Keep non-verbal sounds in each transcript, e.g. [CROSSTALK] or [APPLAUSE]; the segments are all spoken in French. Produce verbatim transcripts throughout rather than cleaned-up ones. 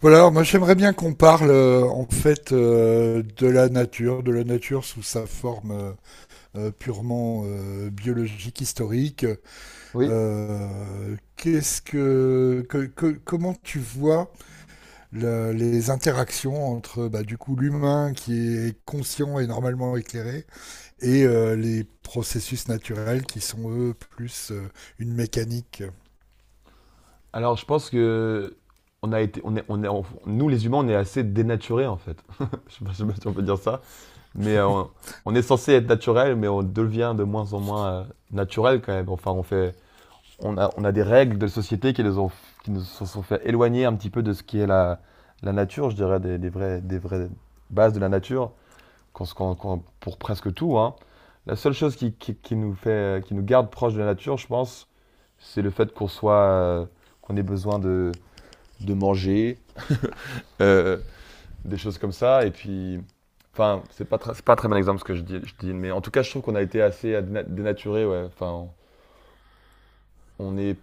Voilà, alors moi j'aimerais bien qu'on parle euh, en fait euh, de la nature, de la nature sous sa forme euh, euh, purement euh, biologique, historique. Oui. Euh, qu'est-ce que, que- que- comment tu vois la- les interactions entre bah, du coup l'humain qui est conscient et normalement éclairé et euh, les processus naturels qui sont eux plus euh, une mécanique. Alors, je pense que on a été, on est, on est, on- nous les humains, on est assez dénaturés en fait. [LAUGHS] Je sais pas, je sais pas si on peut dire ça, mais euh, on, on est censé être naturel, mais on devient de moins en moins euh, naturel quand même. Enfin, on fait, on a, on a des règles de société qui nous ont, qui nous se sont fait éloigner un petit peu de ce qui est la, la nature, je dirais, des, des vraies, des vraies bases de la nature, qu'on se- qu'on- qu'on- pour presque tout, hein. La seule chose qui, qui, qui nous fait, qui nous garde proche de la nature, je pense, c'est le fait qu'on soit, euh, qu'on ait besoin de, de manger, euh, des choses comme ça. Et puis, enfin, c'est pas, très- c'est pas un très bon exemple ce que je dis, je dis, mais en tout cas, je trouve qu'on a été assez à déna- dénaturé, ouais. Enfin, on est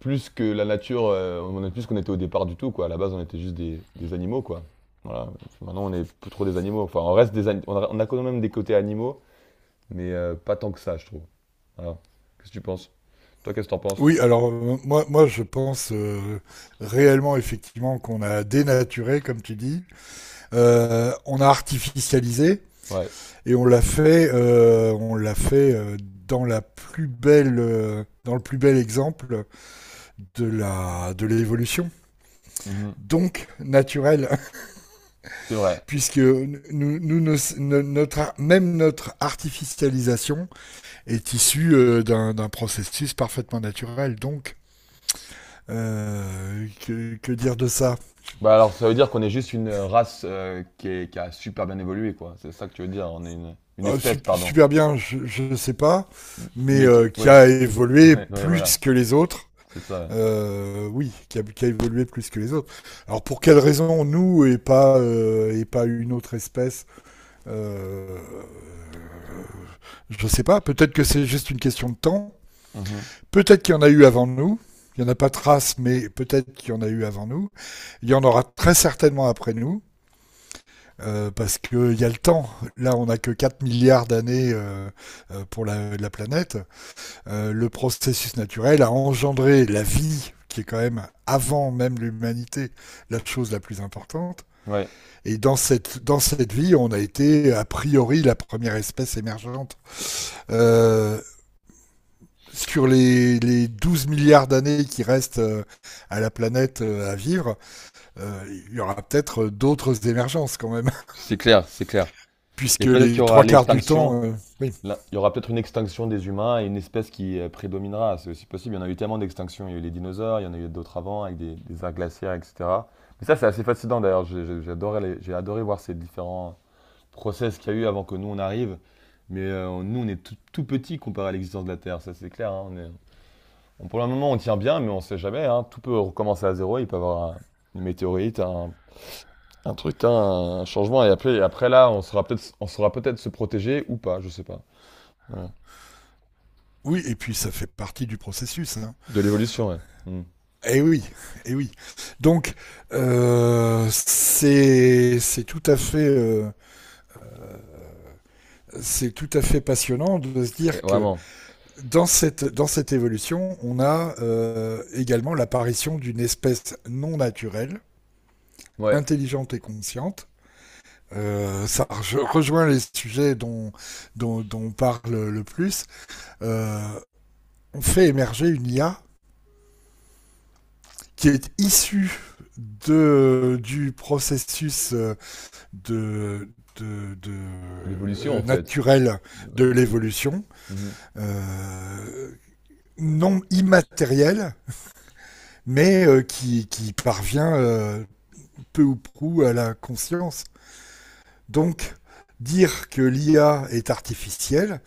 plus que la nature, euh, on est plus qu'on était au départ du tout, quoi. À la base, on était juste des, des animaux, quoi. Voilà. Puis maintenant, on est plus trop des animaux. Enfin, on reste des, ani- on a, on a quand même des côtés animaux, mais euh, pas tant que ça, je trouve. Voilà. Qu'est-ce que tu penses? Toi, qu'est-ce que t'en penses? Oui, alors euh, moi, moi je pense euh, réellement effectivement qu'on a dénaturé, comme tu dis. Euh, on a artificialisé Ouais. et on l'a fait, euh, on l'a fait euh, dans la plus belle, euh, dans le plus bel exemple de la, de l'évolution. Mhm. Donc naturel, C'est vrai. [LAUGHS] puisque nous, nous, nos- no- notre, ar- même notre artificialisation est issue euh, d'un, d'un processus parfaitement naturel. Donc euh, que, que dire de ça? Bah alors ça veut dire qu'on est juste une race euh, qui est- qui a super bien évolué, quoi. C'est ça que tu veux dire, on est une, une euh, espèce, sup- pardon. Super bien, je ne sais pas, M- mais Mais qui- euh, qui ouais, a [LAUGHS] évolué ouais, ouais, plus voilà, que les autres. c'est ça. Euh, oui, qui a, qui a évolué plus que les autres. Alors pour quelle raison nous et pas euh, et pas une autre espèce, euh, je sais pas. Peut-être que c'est juste une question de temps. Ouais. Mhm. Peut-être qu'il y en a eu avant nous. Il n'y en a pas trace, mais peut-être qu'il y en a eu avant nous. Il y en aura très certainement après nous, euh, parce qu'il y a le temps. Là, on n'a que quatre milliards d'années euh, euh, pour la, la planète. euh, le processus naturel a engendré la vie, qui est quand même, avant même l'humanité, la chose la plus importante. Ouais, Et dans cette, dans cette vie, on a été, a priori, la première espèce émergente. Euh, sur les, les douze milliards d'années qui restent euh, à la planète, euh, à vivre, euh, il y aura peut-être euh, d'autres émergences quand même, c'est clair, c'est clair. [LAUGHS] puisque Et peut-être les qu'il y aura trois quarts du l'extinction, temps, Euh, oui. là, il y aura peut-être une extinction des humains et une espèce qui euh, prédominera, c'est aussi possible. Il y en a eu tellement d'extinctions, il y a eu les dinosaures, il y en a eu d'autres avant avec des, des ères glaciaires, et cetera. Mais ça c'est assez fascinant d'ailleurs. J'ai- j'ai- j'adorais les- j'ai adoré voir ces différents process qu'il y a eu avant que nous on arrive. Mais euh, nous, on est tout, tout petit comparé à l'existence de la Terre, ça c'est clair, hein. On est- on- pour le moment, on tient bien, mais on ne sait jamais, hein. Tout peut recommencer à zéro. Il peut y avoir un- Une météorite, un, un truc, hein, un changement. Et après, et après là, on saura peut-être, on saura peut-être se protéger ou pas, je sais pas. Voilà. Oui, et puis ça fait partie du processus, hein. De l'évolution, ouais. Mm. Eh oui, eh oui. Donc, euh, c'est c'est tout à fait euh, c'est tout à fait passionnant de se Et dire que vraiment, dans cette dans cette évolution, on a euh, également l'apparition d'une espèce non naturelle, ouais, intelligente et consciente. Euh, ça re- rejoint les sujets dont dont, dont on parle le plus. Euh, on fait émerger une I A qui est issue de du processus euh, de, de, de de l'évolution en euh, fait. naturel de Ouais. l'évolution, Mhm. euh, non immatériel, mais euh, qui, qui parvient euh, peu ou prou à la conscience. Donc, dire que l'I A est artificielle,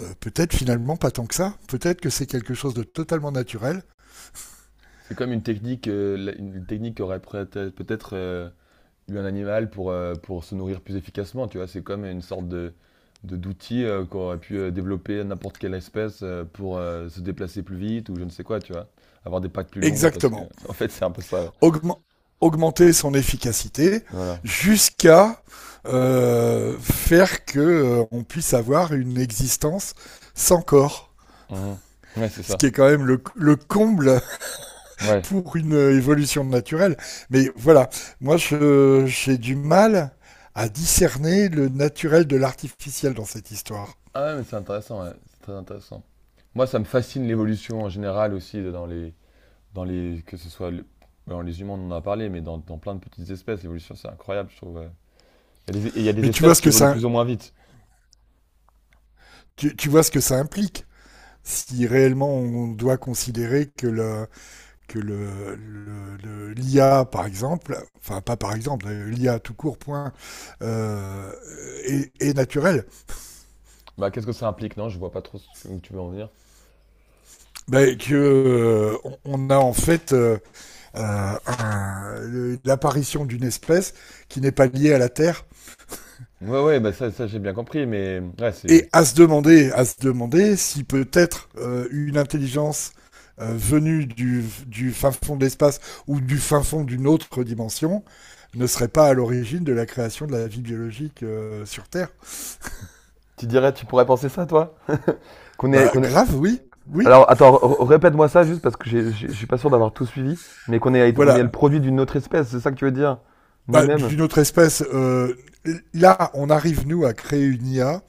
euh, peut-être finalement pas tant que ça, peut-être que c'est quelque chose de totalement naturel. C'est comme une technique, euh, la- une technique qui aurait peut-être peut-être, euh, eu un animal pour, euh, pour se nourrir plus efficacement, tu vois. C'est comme une sorte de, de- d'outil euh, qu'aurait pu euh, développer n'importe quelle espèce euh, pour euh, se déplacer plus vite ou je ne sais quoi, tu vois. Avoir des pattes plus longues parce que... Exactement. [LAUGHS] En fait, c'est un peu ça, ouais. augment- augmenter son efficacité Voilà. jusqu'à euh, faire que euh, on puisse avoir une existence sans corps. Mhm. Ouais, c'est Ce ça. qui est quand même le, le comble [LAUGHS] Ouais. pour une euh, évolution naturelle. Mais voilà, moi je- j'ai du mal à discerner le naturel de l'artificiel dans cette histoire. Ah ouais, mais c'est intéressant, ouais. C'est très intéressant. Moi, ça me fascine l'évolution en général aussi dans les... Dans les que ce soit... le- Dans les humains, on en a parlé, mais dans, dans plein de petites espèces, l'évolution, c'est incroyable, je trouve, ouais. Il y a des, et il y a des Mais tu vois espèces ce qui que évoluent ça, plus ou moins vite. tu, tu vois ce que ça implique, si réellement on doit considérer que le, que le, l'I A, par exemple, enfin pas par exemple, l'I A tout court point euh, est, est, naturel. Bah, qu'est-ce que ça implique, non? Je vois pas trop ce que tu veux en venir. Ben, que euh, on a en fait euh, un, le, l'apparition d'une espèce qui n'est pas liée à la Terre, Ouais, ouais, bah ça, ça j'ai bien compris, mais ouais, c'est. et à se demander, à se demander si peut-être euh, une intelligence euh, venue du, du fin fond de l'espace ou du fin fond d'une autre dimension ne serait pas à l'origine de la création de la vie biologique euh, sur Terre. Tu dirais, tu pourrais penser ça, toi? Qu'on est, Bah qu'on est... grave, oui, oui. Alors, attends, r- répète-moi ça juste parce que j'ai- j'ai- je suis pas sûr d'avoir tout suivi, mais qu'on est, on est Voilà. le produit d'une autre espèce, c'est ça que tu veux dire? Bah, Nous-mêmes? d'une autre espèce, euh, là, on arrive nous à créer une I A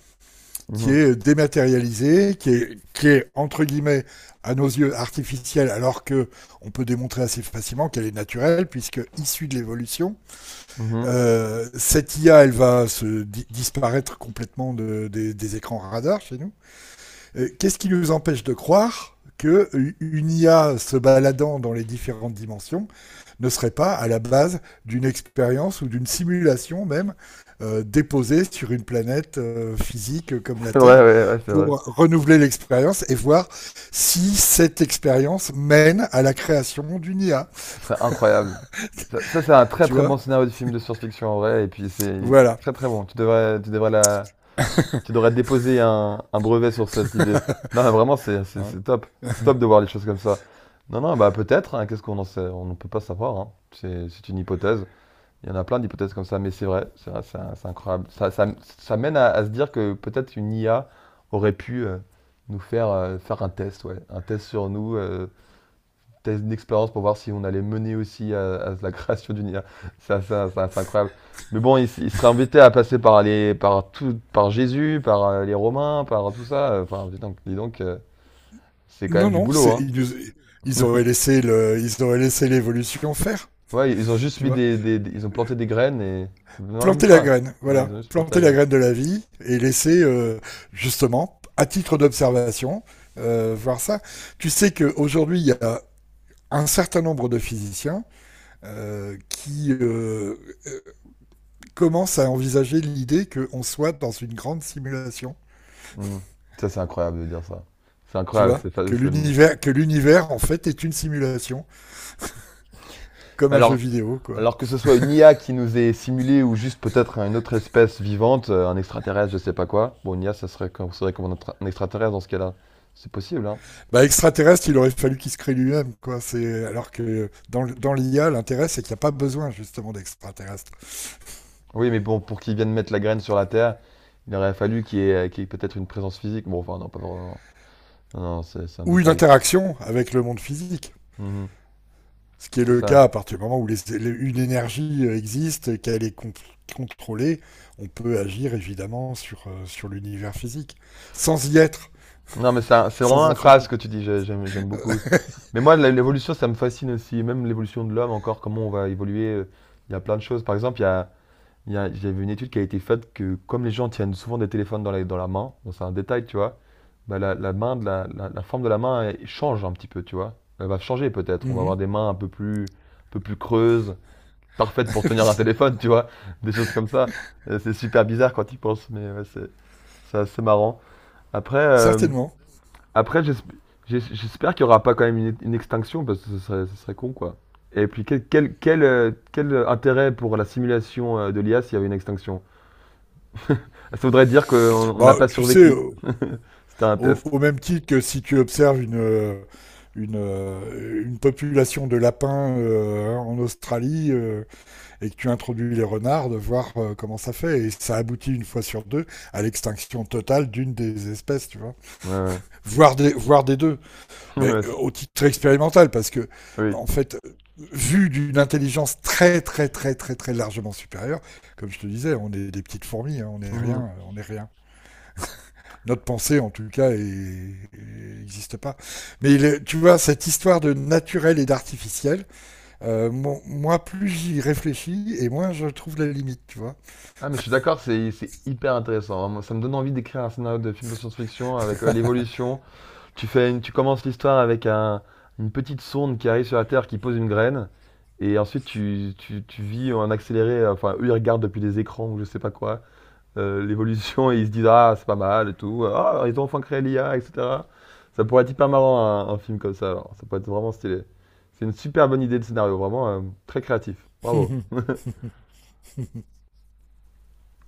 qui Mhm, est dématérialisée, qui est, qui est entre guillemets à nos yeux artificielle, alors que on peut démontrer assez facilement qu'elle est naturelle puisque issue de l'évolution. mhm. Euh, cette I A, elle va se di- disparaître complètement de- des- des écrans radars chez nous. Euh, Qu'est-ce qui nous empêche de croire que une I A se baladant dans les différentes dimensions ne serait pas à la base d'une expérience ou d'une simulation même, euh, déposée sur une planète, euh, physique comme [LAUGHS] la C'est Terre, vrai, ouais, ouais, c'est vrai. pour renouveler l'expérience et voir si cette expérience mène à la création d'une I A. Ce serait incroyable. Ça, ça, c'est un très Tu très vois. bon scénario de film de science-fiction en vrai, et puis c'est Voilà. très très bon. Tu devrais, tu devrais la, tu devrais déposer un, un brevet sur cette idée. Non, mais vraiment, c'est c'est- Hein. c'est top. C'est top de voir les choses comme ça. Non, non, bah peut-être, hein. Qu'est-ce qu'on en sait? On ne peut pas savoir, hein. C'est c'est une hypothèse. Il y en a plein d'hypothèses comme ça, mais c'est vrai. C'est vrai, c'est c'est incroyable. Ça, ça, ça mène à, à se dire que peut-être une I A aurait pu euh, nous faire, euh, faire un test, ouais. Un test sur nous, euh, test d'expérience pour voir si on allait mener aussi à, à la [LAUGHS] création d'une I A. Ça, ça, ça, c'est incroyable. Mais bon, il, s- il serait embêté à passer par les, par tout, par Jésus, par euh, les Romains, par tout ça. Enfin, dis donc, dis donc, euh, c'est quand Non, même du non, boulot, c'est, hein. ils auraient laissé le, ils auraient laissé l'évolution faire. Ouais, ils ont juste Tu mis vois, des, des- des- ils ont planté des graines et non, même planter la pas. graine, Ouais, ils voilà, ont juste planté la planter la graine. graine de la vie, et laisser euh, justement, à titre d'observation, euh, voir ça. Tu sais qu'aujourd'hui, il y a un certain nombre de physiciens euh, qui euh, euh, commencent à envisager l'idée qu'on soit dans une grande simulation, Hmm. Ça, c'est incroyable de dire ça. C'est tu incroyable. vois C'est, fa- que c'est- l'univers, que l'univers en fait est une simulation, comme un jeu Alors, vidéo, quoi. Alors que ce soit une I A qui nous est simulée ou juste peut-être une autre espèce vivante, euh, un extraterrestre, je sais pas quoi. Bon, une I A, ça serait considéré comme un, extra- un extraterrestre dans ce cas-là. C'est possible, hein. Bah, extraterrestre, il aurait fallu qu'il se crée lui-même, quoi. C'est alors que dans, dans l'I A, l'intérêt c'est qu'il n'y a pas besoin justement d'extraterrestre. Oui, mais bon, pour qu'il vienne mettre la graine sur la Terre, il aurait fallu qu'il y ait, qu'il y ait peut-être une présence physique. Bon, enfin, non, pas vraiment. Non, non, c'est c'est un Ou une détail. interaction avec le monde physique. Mhm, Ce qui est c'est le ça. cas à partir du moment où les, les, une énergie euh, existe, qu'elle est con, contrôlée, on peut agir évidemment sur, euh, sur l'univers physique, sans y être, Non, mais c'est un- c'est vraiment sans en faire incroyable pas. ce que tu dis, j'ai- j'aime j'aime beaucoup. Mais moi, la- l'évolution, ça me fascine aussi. Même l'évolution de l'homme, encore, comment on va évoluer, euh. Il y a plein de choses. Par exemple, il y a. Il y a- J'ai vu une étude qui a été faite que comme les gens tiennent souvent des téléphones dans la, dans la main, bon, c'est un détail, tu vois, bah, la, la main de la, la- la forme de la main elle change un petit peu, tu vois. Elle va changer peut-être. On va Mm. avoir des [LAUGHS] mains un peu plus, un peu plus creuses, parfaites pour tenir un téléphone, tu vois. [LAUGHS] Des choses comme ça. Euh, C'est super bizarre quand tu y penses, mais ouais, c'est c'est assez marrant. Après, euh, Certainement. après j'esp- j'es- j'espère qu'il n'y aura pas quand même une, une extinction parce que ce serait, ce serait con, quoi. Et puis quel, quel, quel, euh, quel intérêt pour la simulation euh, de l'I A s'il y avait une extinction? Ça voudrait dire qu'on n'a Bah, pas tu sais, survécu. au, C'était un test. au, même titre que si tu observes une, euh, une, euh, une population de lapins euh, en Australie, euh, et que tu introduis les renards, de voir euh, comment ça fait. Et ça aboutit une fois sur deux à l'extinction totale d'une des espèces, tu vois. Ouais, ouais. Voire des, voire des deux, [LAUGHS] mais Ouais, euh, ça- au titre expérimental, parce que, Oui. en fait, vu d'une intelligence très, très, très, très, très largement supérieure, comme je te disais, on est des petites fourmis, hein, on n'est rien, Mhm. euh, on est rien. Notre pensée, en tout cas, n'existe pas. Mais le- tu vois, cette histoire de naturel et d'artificiel, euh, mon- moi, plus j'y réfléchis, et moins je trouve la limite, tu vois. Ah, mais je suis d'accord, c'est c'est hyper intéressant, hein. Moi, ça me donne envie d'écrire un scénario de film de science-fiction avec euh, l'évolution. Tu fais une- tu commences l'histoire avec un- une petite sonde qui arrive sur la Terre, qui pose une graine, et ensuite tu, tu- tu vis en accéléré. euh, Enfin, eux, ils regardent depuis des écrans ou je sais pas quoi. Euh, l'évolution et ils se disent ah c'est pas mal et tout, ah ils ont enfin créé l'I A, et cetera. Ça pourrait être hyper marrant un, un film comme ça, alors. Ça pourrait être vraiment stylé. C'est une super bonne idée de scénario, vraiment euh, très créatif. Bravo.